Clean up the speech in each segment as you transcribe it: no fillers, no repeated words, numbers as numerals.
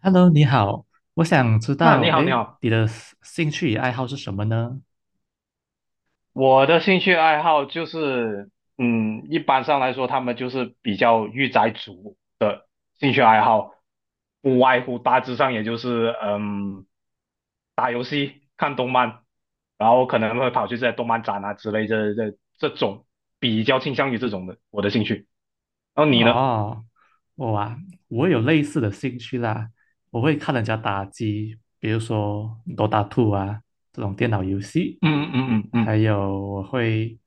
Hello，你好，我想知啊，道，你好，你好。你的兴趣与爱好是什么呢？我的兴趣爱好就是，一般上来说，他们就是比较御宅族的兴趣爱好，不外乎大致上也就是，打游戏、看动漫，然后可能会跑去这些动漫展啊之类这种，比较倾向于这种的我的兴趣。然后你呢？哦，我啊，我有类似的兴趣啦，我会看人家打机，比如说《Dota 2》啊这种电脑游戏，嗯嗯嗯还嗯有我会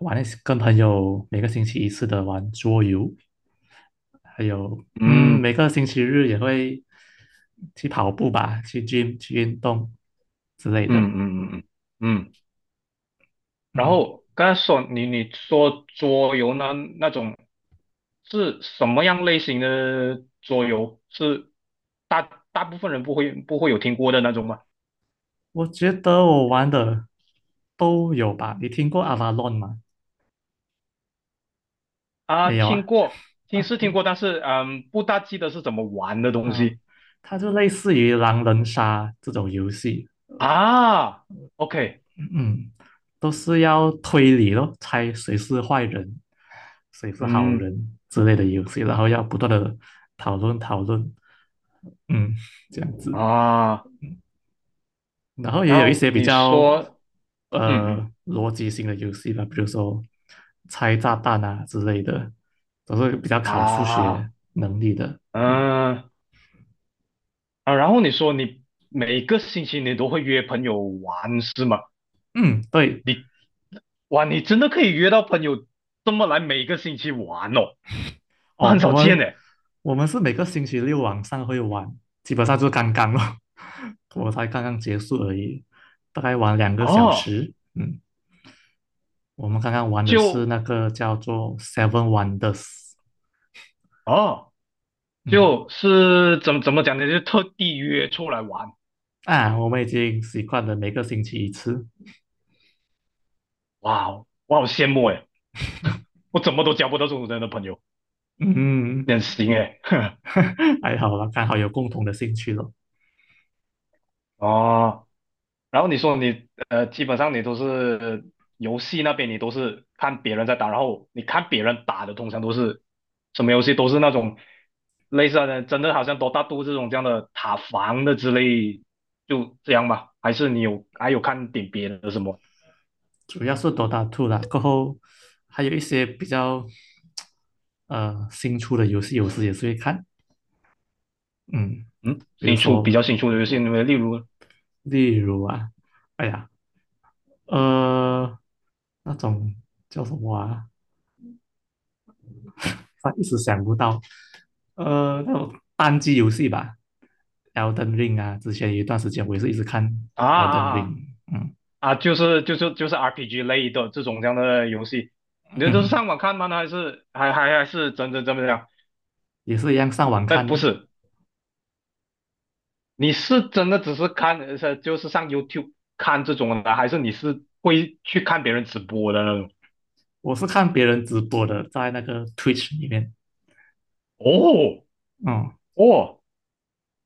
玩一些跟朋友每个星期一次的玩桌游，还有嗯每个星期日也会去跑步吧，去 gym 去运动之类嗯的，嗯嗯嗯嗯。嗯嗯。然嗯。后刚才说你说桌游呢那种是什么样类型的桌游？是大部分人不会有听过的那种吗？我觉得我玩的都有吧。你听过 a v a l o 吗？啊，没有听啊？过，听是听过，但是不大记得是怎么玩的东啊，西。它就类似于狼人杀这种游戏，啊。OK,嗯，都是要推理咯，猜谁是坏人，谁是好嗯人之类的游戏，然后要不断的讨论，嗯，这样子。啊，然后也然有一后些比你较说，嗯嗯逻辑性的游戏吧，比如说拆炸弹啊之类的，都是比较考数啊学能力的。嗯嗯啊，然后你说你每个星期你都会约朋友玩是吗？嗯，对你。哇，你真的可以约到朋友这么来每个星期玩哦，那哦，很我少见们诶。我们是每个星期六晚上会玩，基本上就是刚刚哦，我才刚刚结束而已，大概玩两个小哦，时。嗯，我们刚刚玩的是就那个叫做 Seven Wonders。哦，嗯就是怎么讲呢？就特地约出来玩。啊，我们已经习惯了每个星期一次。哇哦我好羡慕诶，我怎么都交不到这种人的朋友，嗯。你很行诶。还好啦，刚好有共同的兴趣咯，哦，然后你说你基本上你都是游戏那边，你都是看别人在打，然后你看别人打的，通常都是什么游戏都是那种类似的，真的好像多大都这种这样的塔防的之类，就这样吧？还是你有还有看点别的什么？主要是 Dota 二啦，过后还有一些比较新出的游戏，有时也是会看，嗯，嗯，比如新出比说较新出的游戏，你们例如例如啊，哎呀，呃，那种叫什么啊，他一时想不到，那种单机游戏吧，Elden Ring 啊，之前有一段时间我也是一直看 啊 Elden 啊 Ring,啊嗯啊，就是 RPG 类的这种这样的游戏，你这都是嗯，上网看吗？还是真的这样？也是一样上网看哦，你是真的只是看，就是上 YouTube 看这种的，还是你是会去看别人直播的那种？我是看别人直播的，在那个 Twitch 里面。哦哦，哦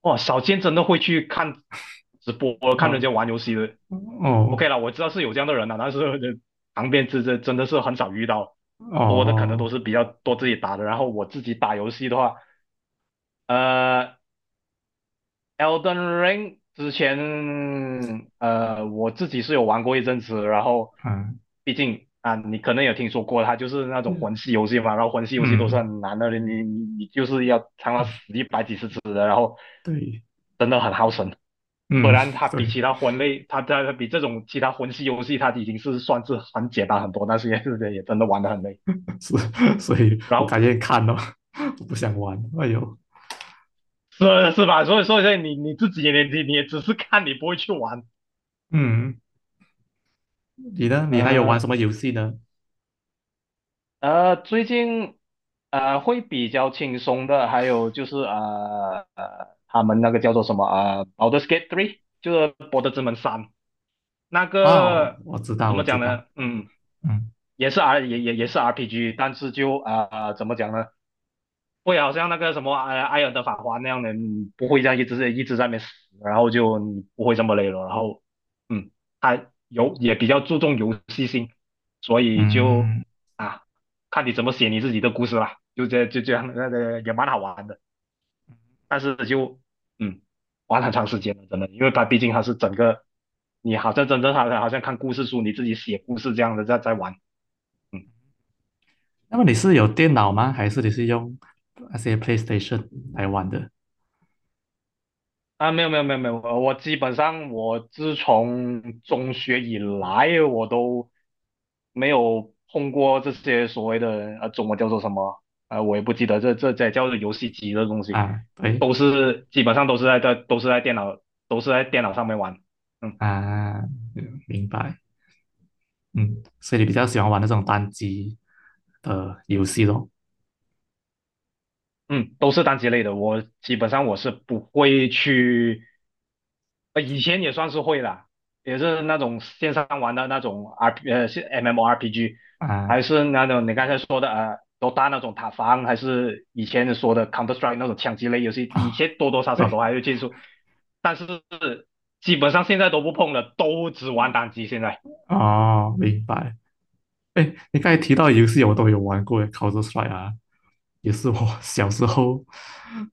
哦，少见真的会去看直播，看人呃，家玩游戏的。哦，OK 了，我知道是有这样的人了，但是旁边这真的是很少遇到，多的可能都哦，是比较多自己打的。然后我自己打游戏的话，呃，Elden Ring 之前，我自己是有玩过一阵子，然后嗯，毕竟啊，你可能有听说过，它就是那种魂系游戏嘛，然后魂系游戏都是嗯，很难的，你就是要尝到死一百几十次的，然后对，真的很耗神。虽嗯，然它比对，其他魂类，它比这种其他魂系游戏，它已经是算是很简单很多，但是也是也真的玩得很累。是，所以然我感后觉看了，我不想玩。哎呦，是吧？所以你自己也你也只是看，你不会去玩。嗯，你呢？你还有玩什嗯、么游戏呢？最近会比较轻松的，还有就是他们那个叫做什么啊，《Baldur's Gate three,就是《博德之门三》那哦，个我知道，怎么我知讲道。呢？嗯，嗯也是 R 也也也是 RPG,但是就怎么讲呢？会啊好像那个什么埃尔的法环那样的，你不会这样一直一直在那边死，然后就你不会这么累了。然后，嗯，他有也比较注重游戏性，所以就嗯，啊，看你怎么写你自己的故事啦，就这样，那个也蛮好玩的。但是就嗯，玩很长时间了，真的，因为它毕竟它是整个，你好像真正好像看故事书，你自己写故事这样的在玩。嗯。那么你是有电脑吗？还是你是用那些 PlayStation 来玩的？啊，没有没有没有没有，我基本上我自从中学以来，我都没有碰过这些所谓的中文叫做什么我也不记得这叫做游戏机的东西，啊，对都是基本上都是在电脑都是在电脑上面玩，嗯啊，明白。嗯，所以你比较喜欢玩那种单机的游戏咯？嗯，都是单机类的，我基本上我是不会去以前也算是会啦，也是那种线上玩的那种 是 M M O R P G,啊还是那种你刚才说的那种塔防，还是以前说的 Counter Strike 那种枪击类游戏，以啊，前多多少少都对，还会接触，但是基本上现在都不碰了，都只玩单机现在哦，明白。哎，你刚才提到游戏，我都有玩过，Counter Strike 啊，也是我 小时候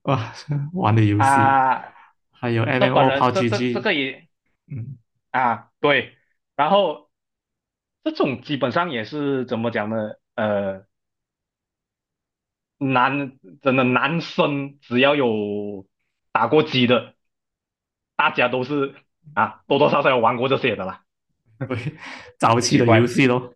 啊玩的游戏，啊。还有 这本 MMO、人这这这 PUBG,个也嗯，啊对，然后这种基本上也是怎么讲呢？呃。真的男生只要有打过机的，大家都是啊多多少少有玩过这些的啦。对，早期奇的游怪，戏咯。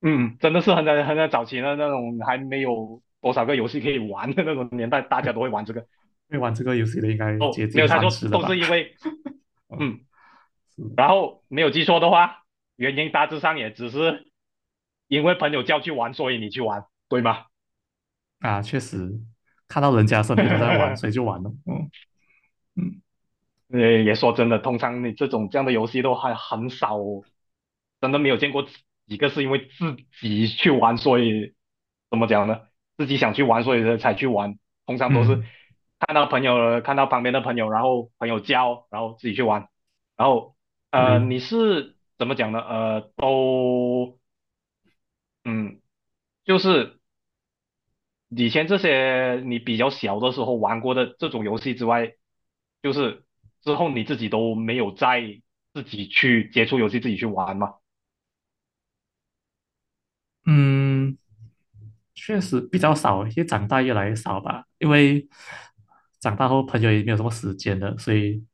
嗯，真的是很在很在早期的那种还没有多少个游戏可以玩的那种年代，大会家都会玩这个。会玩这个游戏的应该哦，接没近有猜三错，十了都吧？是因为 嗯，嗯，是然后没有记错的话，原因大致上也只是因为朋友叫去玩，所以你去玩，对吗？啊，确实看到人家身边都在玩，所以 就玩了。嗯嗯也说真的，通常你这种这样的游戏都还很少，真的没有见过几个是因为自己去玩，所以怎么讲呢？自己想去玩，所以才去玩。通常都是嗯，看到朋友，看到旁边的朋友，然后朋友教，然后自己去玩。然后对。你是怎么讲呢？都嗯，就是。以前这些你比较小的时候玩过的这种游戏之外，就是之后你自己都没有再自己去接触游戏，自己去玩嘛。嗯，确实比较少，因为长大越来越少吧。因为长大后朋友也没有什么时间了，所以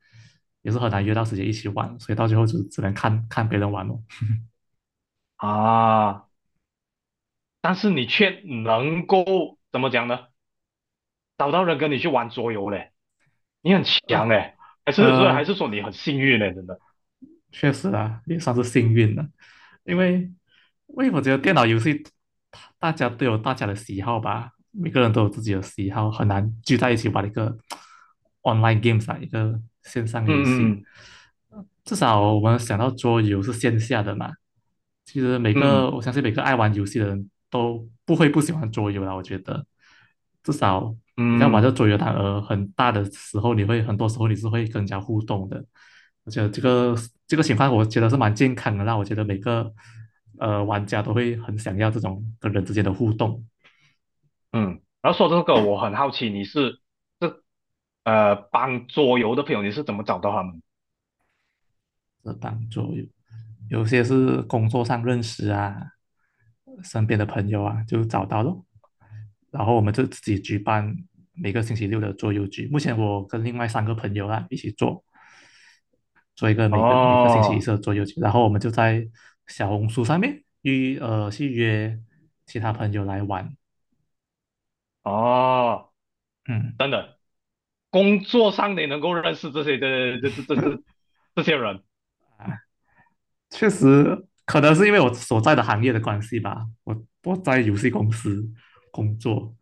也是很难约到时间一起玩，所以到最后就只能看看别人玩哦。啊，但是你却能够怎么讲呢？找到人跟你去玩桌游嘞，你很强呃嘞，还是说还呃，是说你很幸运嘞？真的，确实啊，也算是幸运了，因为因为我觉得电脑游戏大家都有大家的喜好吧，每个人都有自己的喜好，很难聚在一起玩一个 online games 啊，一个线上游嗯戏。嗯至少我们想到桌游是线下的嘛，其实每个嗯我相信每个爱玩游戏的人都不会不喜欢桌游啦。我觉得，至少你在嗯玩嗯这桌游，它很大的时候，你会很多时候你是会跟人家互动的。我觉得这个情况，我觉得是蛮健康的啦。我觉得每个玩家都会很想要这种跟人之间的互动。嗯。然后说这个，我很好奇你是这帮桌游的朋友，你是怎么找到他们？是帮助有些是工作上认识啊，身边的朋友啊，就找到咯。然后我们就自己举办每个星期六的桌游局。目前我跟另外三个朋友啊一起做，做一个每个星期一哦次的桌游局。然后我们就在小红书上面去约其他朋友来玩，哦。嗯。工作上你能够认识这些的这些人确实，可能是因为我所在的行业的关系吧，我在游戏公司工作，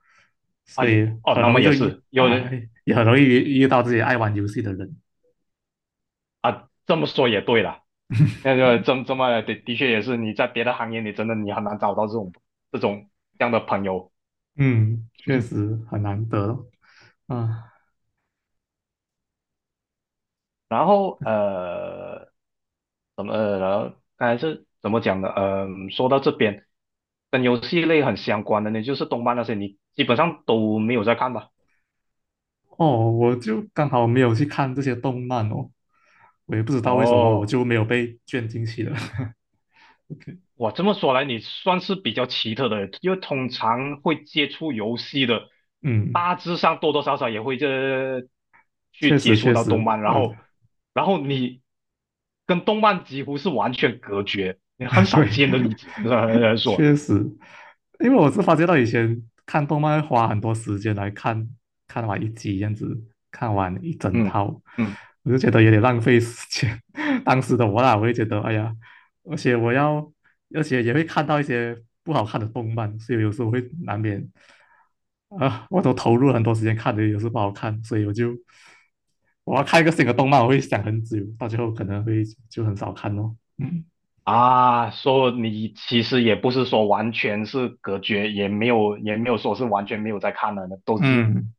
啊，所以也哦，很那容么易也就遇是有啊，人也很容易遇到自己爱玩游戏的人。啊，这么说也对了，那个这这么的的确也是你在别的行业你真的你很难找到这种这样的朋友，嗯，确实很难得啊。然后怎么然后刚才是怎么讲的？说到这边跟游戏类很相关的呢，就是动漫那些，你基本上都没有在看吧？哦，我就刚好没有去看这些动漫哦，我也不知道为什么我哦。就没有被卷进去了。OK,哇，这么说来，你算是比较奇特的，因为通常会接触游戏的，嗯，大致上多多少少也会这去确接实触确到动实，漫，然后，然后你跟动漫几乎是完全隔绝，你很少对，见的例子，说，确实，因为我是发觉到以前看动漫会花很多时间来看，看完一集这样子，看完一整嗯套，嗯我就觉得有点浪费时间。当时的我啦，我也觉得，哎呀，而且我要，而且也会看到一些不好看的动漫，所以有时候会难免，啊、我都投入了很多时间看的，有时候不好看，所以我就我要看一个新的动漫，我会想很久，到最后可能会就很少看哦。啊，说你其实也不是说完全是隔绝，也没有说是完全没有在看了的，都是嗯。嗯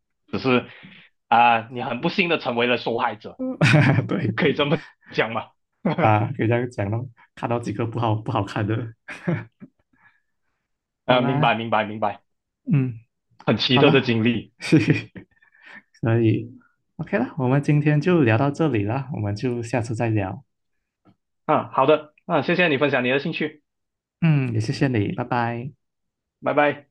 啊，你很不幸的成为了受害者，对可以这么讲吗？啊，可以这样讲咯，看到几个不好看的，好啊，明啦，白明白明白，嗯，很奇好特的经啦，历。嘿嘿，所以 OK 啦，我们今天就聊到这里啦，我们就下次再聊，啊，好的，啊，谢谢你分享你的兴趣，嗯，也谢谢你，拜拜。拜拜。